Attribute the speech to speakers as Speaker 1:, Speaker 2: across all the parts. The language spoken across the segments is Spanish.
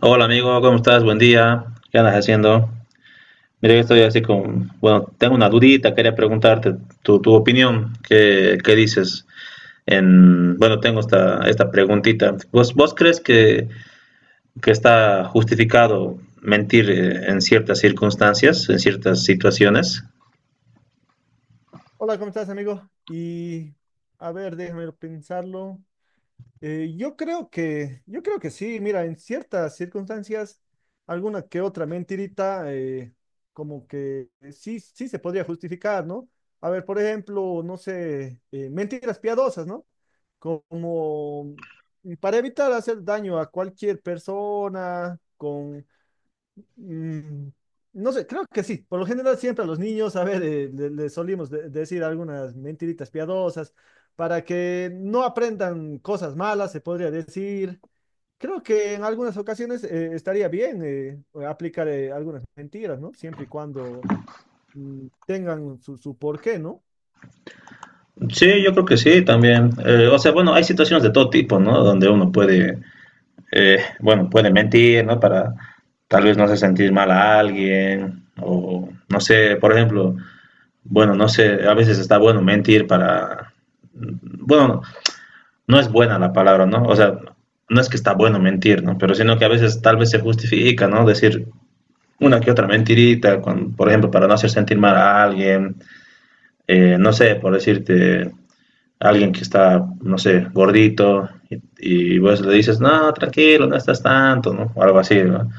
Speaker 1: Hola amigo, ¿cómo estás? Buen día. ¿Qué andas haciendo? Mira, yo estoy así con, bueno, tengo una dudita, quería preguntarte tu opinión, ¿qué dices? En, bueno, tengo esta preguntita. ¿Vos crees que está justificado mentir en ciertas circunstancias, en ciertas situaciones?
Speaker 2: Hola, ¿cómo estás, amigo? Y a ver, déjame pensarlo. Yo creo que sí, mira, en ciertas circunstancias, alguna que otra mentirita, como que sí, sí se podría justificar, ¿no? A ver, por ejemplo, no sé, mentiras piadosas, ¿no? Como para evitar hacer daño a cualquier persona, con Mm, no sé, creo que sí. Por lo general siempre a los niños, a ver, le solimos decir algunas mentiritas piadosas para que no aprendan cosas malas, se podría decir. Creo que en algunas ocasiones estaría bien aplicar algunas mentiras, ¿no? Siempre y cuando tengan su porqué, ¿no?
Speaker 1: Sí, yo creo que sí, también. O sea, bueno, hay situaciones de todo tipo, ¿no? Donde uno puede bueno, puede mentir, ¿no? Para tal vez no hacer sentir mal a alguien, o no sé, por ejemplo, bueno, no sé, a veces está bueno mentir para, bueno, no es buena la palabra, ¿no? O sea, no es que está bueno mentir, ¿no? Pero sino que a veces tal vez se justifica, ¿no? Decir una que otra mentirita, con, por ejemplo, para no hacer sentir mal a alguien, no sé, por decirte, alguien que está, no sé, gordito, y vos le dices, no, tranquilo, no estás tanto, ¿no? O algo así, ¿no?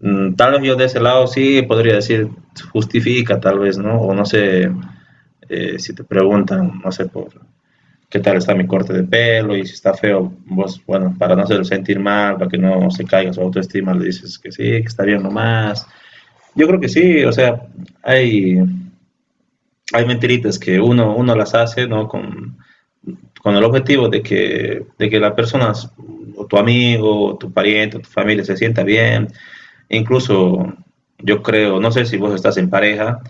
Speaker 1: Mm, tal vez yo de ese lado sí podría decir justifica, tal vez, ¿no? O no sé, si te preguntan, no sé por qué tal está mi corte de pelo y si está feo, vos, bueno, para no hacerlo sentir mal, para que no se caiga su autoestima, le dices que sí, que está bien nomás. Yo creo que sí, o sea, hay, hay mentiritas que uno las hace, ¿no? Con el objetivo de que la persona, o tu amigo, o tu pariente, o tu familia se sienta bien. Incluso yo creo, no sé si vos estás en pareja,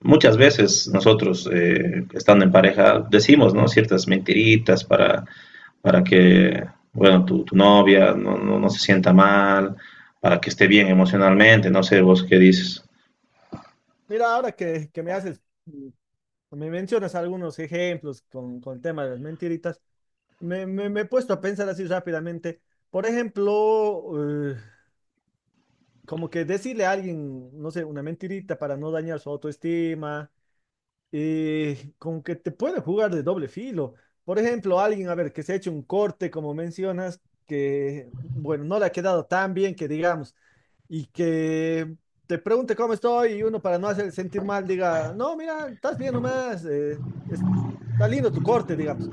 Speaker 1: muchas veces nosotros estando en pareja decimos, ¿no?, ciertas mentiritas para que bueno, tu novia no se sienta mal, para que esté bien emocionalmente, no sé vos qué dices.
Speaker 2: Mira, ahora que me haces, me mencionas algunos ejemplos con el tema de las mentiritas, me he puesto a pensar así rápidamente. Por ejemplo, como que decirle a alguien, no sé, una mentirita para no dañar su autoestima, como que te puede jugar de doble filo. Por ejemplo, alguien, a ver, que se ha hecho un corte, como mencionas, que, bueno, no le ha quedado tan bien que digamos, y que te pregunte cómo estoy y uno para no hacer sentir mal diga, no, mira, estás bien nomás, está lindo tu corte, digamos.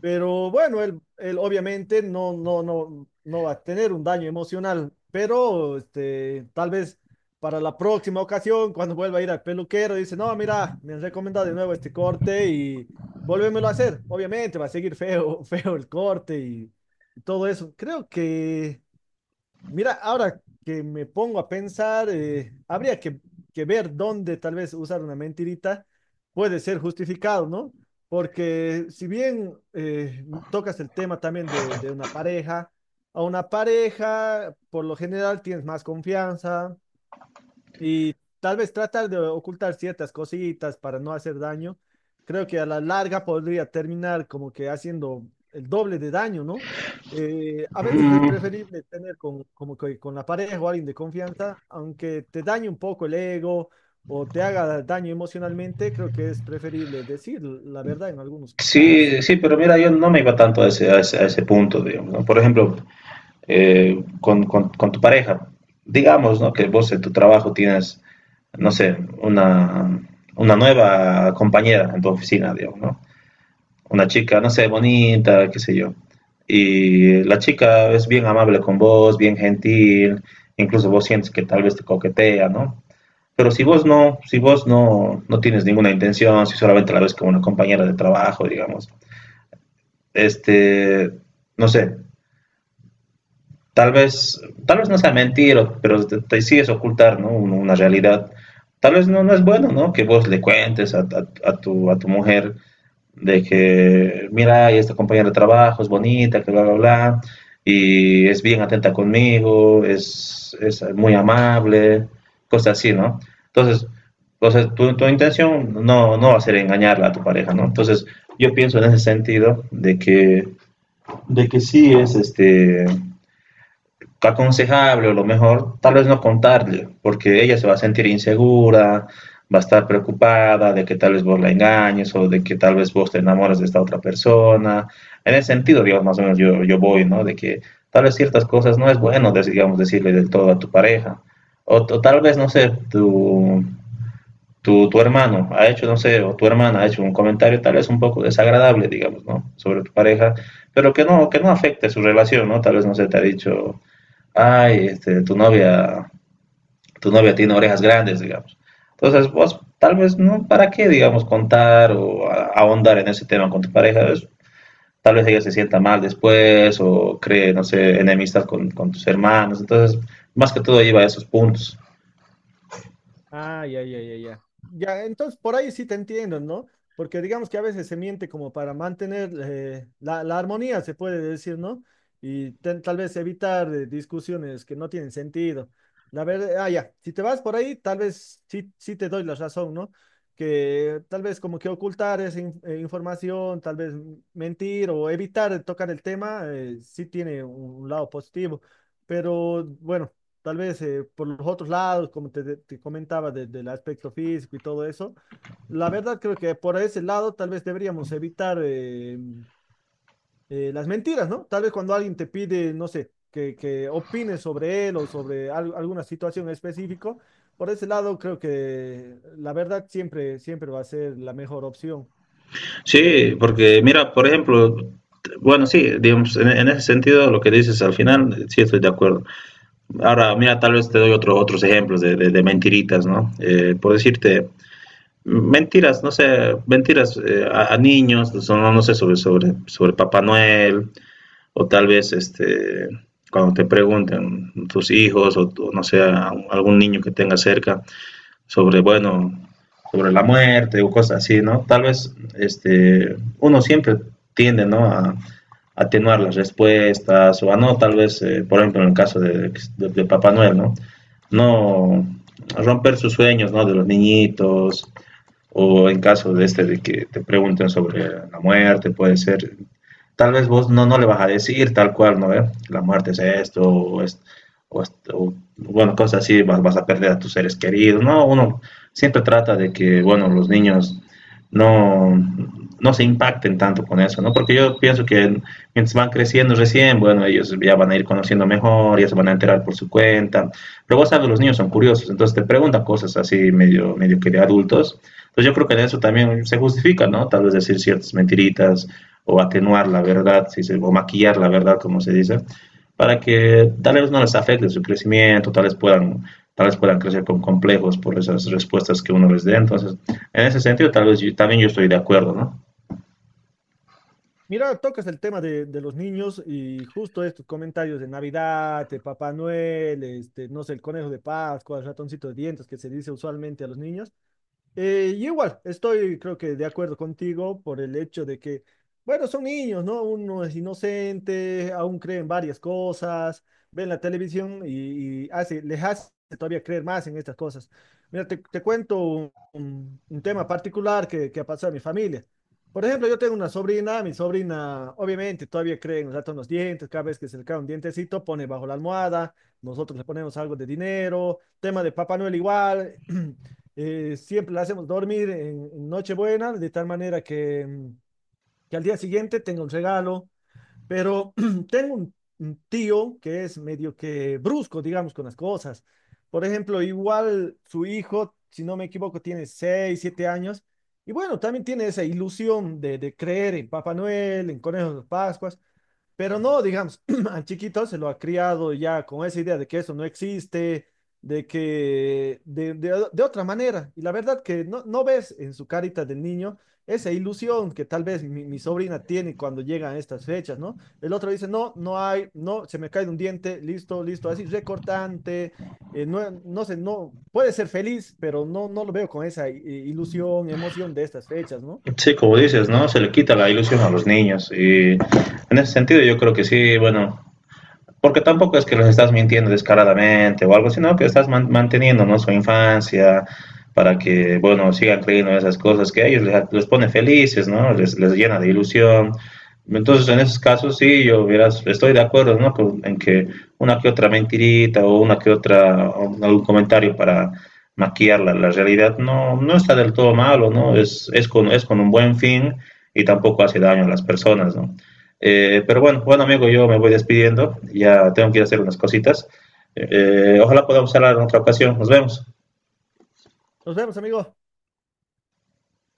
Speaker 2: Pero bueno, él obviamente no va a tener un daño emocional, pero este, tal vez para la próxima ocasión, cuando vuelva a ir al peluquero, dice, no, mira, me han recomendado de nuevo este corte y volvémoslo a hacer. Obviamente va a seguir feo, feo el corte y todo eso. Creo que Mira, ahora que me pongo a pensar, habría que ver dónde tal vez usar una mentirita puede ser justificado, ¿no? Porque si bien tocas el tema también de una pareja, a una pareja por lo general tienes más confianza, y tal vez tratar de ocultar ciertas cositas para no hacer daño, creo que a la larga podría terminar como que haciendo el doble de daño, ¿no? A veces es
Speaker 1: Mm,
Speaker 2: preferible tener con, como que con la pareja o alguien de confianza, aunque te dañe un poco el ego o te haga daño emocionalmente, creo que es preferible decir la verdad en algunos
Speaker 1: sí,
Speaker 2: casos,
Speaker 1: sí,
Speaker 2: ¿no?
Speaker 1: pero mira, yo no me iba tanto a ese, a ese, a ese punto, digamos, ¿no? Por ejemplo, con tu pareja. Digamos, ¿no? Que vos en tu trabajo tienes, no sé, una, una nueva compañera en tu oficina, digamos, ¿no? Una chica, no sé, bonita, qué sé yo. Y la chica es bien amable con vos, bien gentil, incluso vos sientes que tal vez te coquetea, ¿no? Pero si vos no, si vos no, no tienes ninguna intención, si solamente la ves como una compañera de trabajo, digamos, este, no sé, tal vez, tal vez no sea mentira, pero te sí ocultar, ¿no? Una realidad. Tal vez no, no es bueno, ¿no? Que vos le cuentes a tu, a tu mujer de que, mira, y esta compañera de trabajo es bonita, que bla, bla, bla, y es bien atenta conmigo, es muy amable, cosas así, ¿no? Entonces, o sea, tu intención no, no va a ser engañarla a tu pareja, ¿no? Entonces, yo pienso en ese sentido de que sí es aconsejable o lo mejor tal vez no contarle, porque ella se va a sentir insegura, va a estar preocupada de que tal vez vos la engañes o de que tal vez vos te enamoras de esta otra persona. En ese sentido, digamos, más o menos yo voy, ¿no? De que tal vez ciertas cosas no es bueno, digamos, decirle del todo a tu pareja. O tal vez, no sé, tu tu hermano ha hecho, no sé, o tu hermana ha hecho un comentario tal vez un poco desagradable, digamos, ¿no? Sobre tu pareja, pero que no afecte su relación, ¿no? Tal vez, no sé, te ha dicho, ay, este, tu novia tiene orejas grandes, digamos. Entonces, vos tal vez, ¿no? ¿Para qué, digamos, contar o a- ahondar en ese tema con tu pareja? Es- tal vez ella se sienta mal después o cree, no sé, enemistad con tus hermanos. Entonces, más que todo lleva a esos puntos.
Speaker 2: Ah, ya, ya, ya, ya. Ya, entonces por ahí sí te entiendo, ¿no? Porque digamos que a veces se miente como para mantener la armonía, se puede decir, ¿no? Y tal vez evitar discusiones que no tienen sentido. La verdad, ah, ya, si te vas por ahí, tal vez sí, sí te doy la razón, ¿no? Que tal vez como que ocultar esa información, tal vez mentir o evitar tocar el tema, sí tiene un lado positivo. Pero bueno, tal vez por los otros lados, como te comentaba, del aspecto físico y todo eso. La verdad creo que por ese lado tal vez deberíamos evitar las mentiras, ¿no? Tal vez cuando alguien te pide, no sé, que opines sobre él o sobre alguna situación específica, por ese lado creo que la verdad siempre, siempre va a ser la mejor opción. Eh,
Speaker 1: Sí, porque mira, por ejemplo, bueno, sí, digamos, en ese sentido lo que dices al final, sí estoy de acuerdo. Ahora, mira, tal vez te doy otro- otros ejemplos de mentiritas, ¿no? Por decirte, mentiras, no sé, mentiras a niños, son, no, no sé, sobre Papá Noel, o tal vez, este, cuando te pregunten tus hijos, o, tu- no sé, a un- algún niño que tengas cerca, sobre, bueno, sobre la muerte o cosas así, ¿no? Tal vez este, uno siempre tiende, ¿no? A atenuar las respuestas o a no, tal vez, por ejemplo, en el caso de Papá Noel, ¿no? No romper sus sueños, ¿no? De los niñitos o en caso de este de que te pregunten sobre la muerte, puede ser tal vez vos no, no le vas a decir tal cual, ¿no? ¿Eh? La muerte es esto, o, es, o, o, bueno, cosas así, vas, vas a perder a tus seres queridos, ¿no? Uno siempre trata de que, bueno, los niños no, no se impacten tanto con eso, ¿no? Porque yo pienso que mientras van creciendo recién, bueno, ellos ya van a ir conociendo mejor, ya se van a enterar por su cuenta. Pero vos sabes, los niños son curiosos, entonces te preguntan cosas así medio, medio que de adultos. Entonces yo creo que en eso también se justifica, ¿no? Tal vez decir ciertas mentiritas, o atenuar la verdad, si se, o maquillar la verdad, como se dice, para que tal vez no les afecte su crecimiento, tal vez puedan crecer con complejos por esas respuestas que uno les dé. Entonces, en ese sentido, también yo estoy de acuerdo, ¿no?
Speaker 2: Mira, tocas el tema de los niños y justo estos comentarios de Navidad, de Papá Noel, este, no sé, el conejo de Pascua, el ratoncito de dientes que se dice usualmente a los niños. Y igual, estoy creo que de acuerdo contigo por el hecho de que, bueno, son niños, ¿no? Uno es inocente, aún creen varias cosas, ven la televisión y les hace todavía creer más en estas cosas. Mira, te cuento un, un tema particular que ha pasado en mi familia. Por ejemplo, yo tengo una sobrina, mi sobrina obviamente todavía cree en el gato en los dientes, cada vez que se le cae un dientecito pone bajo la almohada, nosotros le ponemos algo de dinero, tema de Papá Noel igual. Siempre la hacemos dormir en Nochebuena, de tal manera que, que al día siguiente tenga un regalo, pero tengo un tío que es medio que brusco, digamos, con las cosas. Por ejemplo, igual su hijo, si no me equivoco, tiene 6 7 años, y bueno, también tiene esa ilusión de, creer en Papá Noel, en conejos de Pascuas. Pero no, digamos, al chiquito se lo ha criado ya con esa idea de que eso no existe, de que de otra manera. Y la verdad que no ves en su carita del niño esa ilusión que tal vez mi sobrina tiene cuando llegan estas fechas, ¿no? El otro dice, no, no hay, no, se me cae un diente, listo, listo, así recortante, no, no sé, no, puede ser feliz, pero no, no lo veo con esa ilusión, emoción de estas fechas, ¿no?
Speaker 1: Sí, como dices, ¿no? Se le quita la ilusión a los niños y en ese sentido yo creo que sí, bueno, porque tampoco es que los estás mintiendo descaradamente o algo, sino que estás man- manteniendo, ¿no?, su infancia para que, bueno, sigan creyendo en esas cosas que a ellos les pone felices, ¿no? Les llena de ilusión. Entonces, en esos casos, sí, yo verás, estoy de acuerdo, ¿no? Con- en que una que otra mentirita o una que otra, o algún comentario para maquillar la, la realidad no, no está del todo malo, ¿no? Es con un buen fin y tampoco hace daño a las personas, ¿no? Pero bueno, bueno amigo, yo me voy despidiendo, ya tengo que ir a hacer unas cositas. Ojalá podamos hablar en otra ocasión, nos vemos.
Speaker 2: Nos vemos, amigo.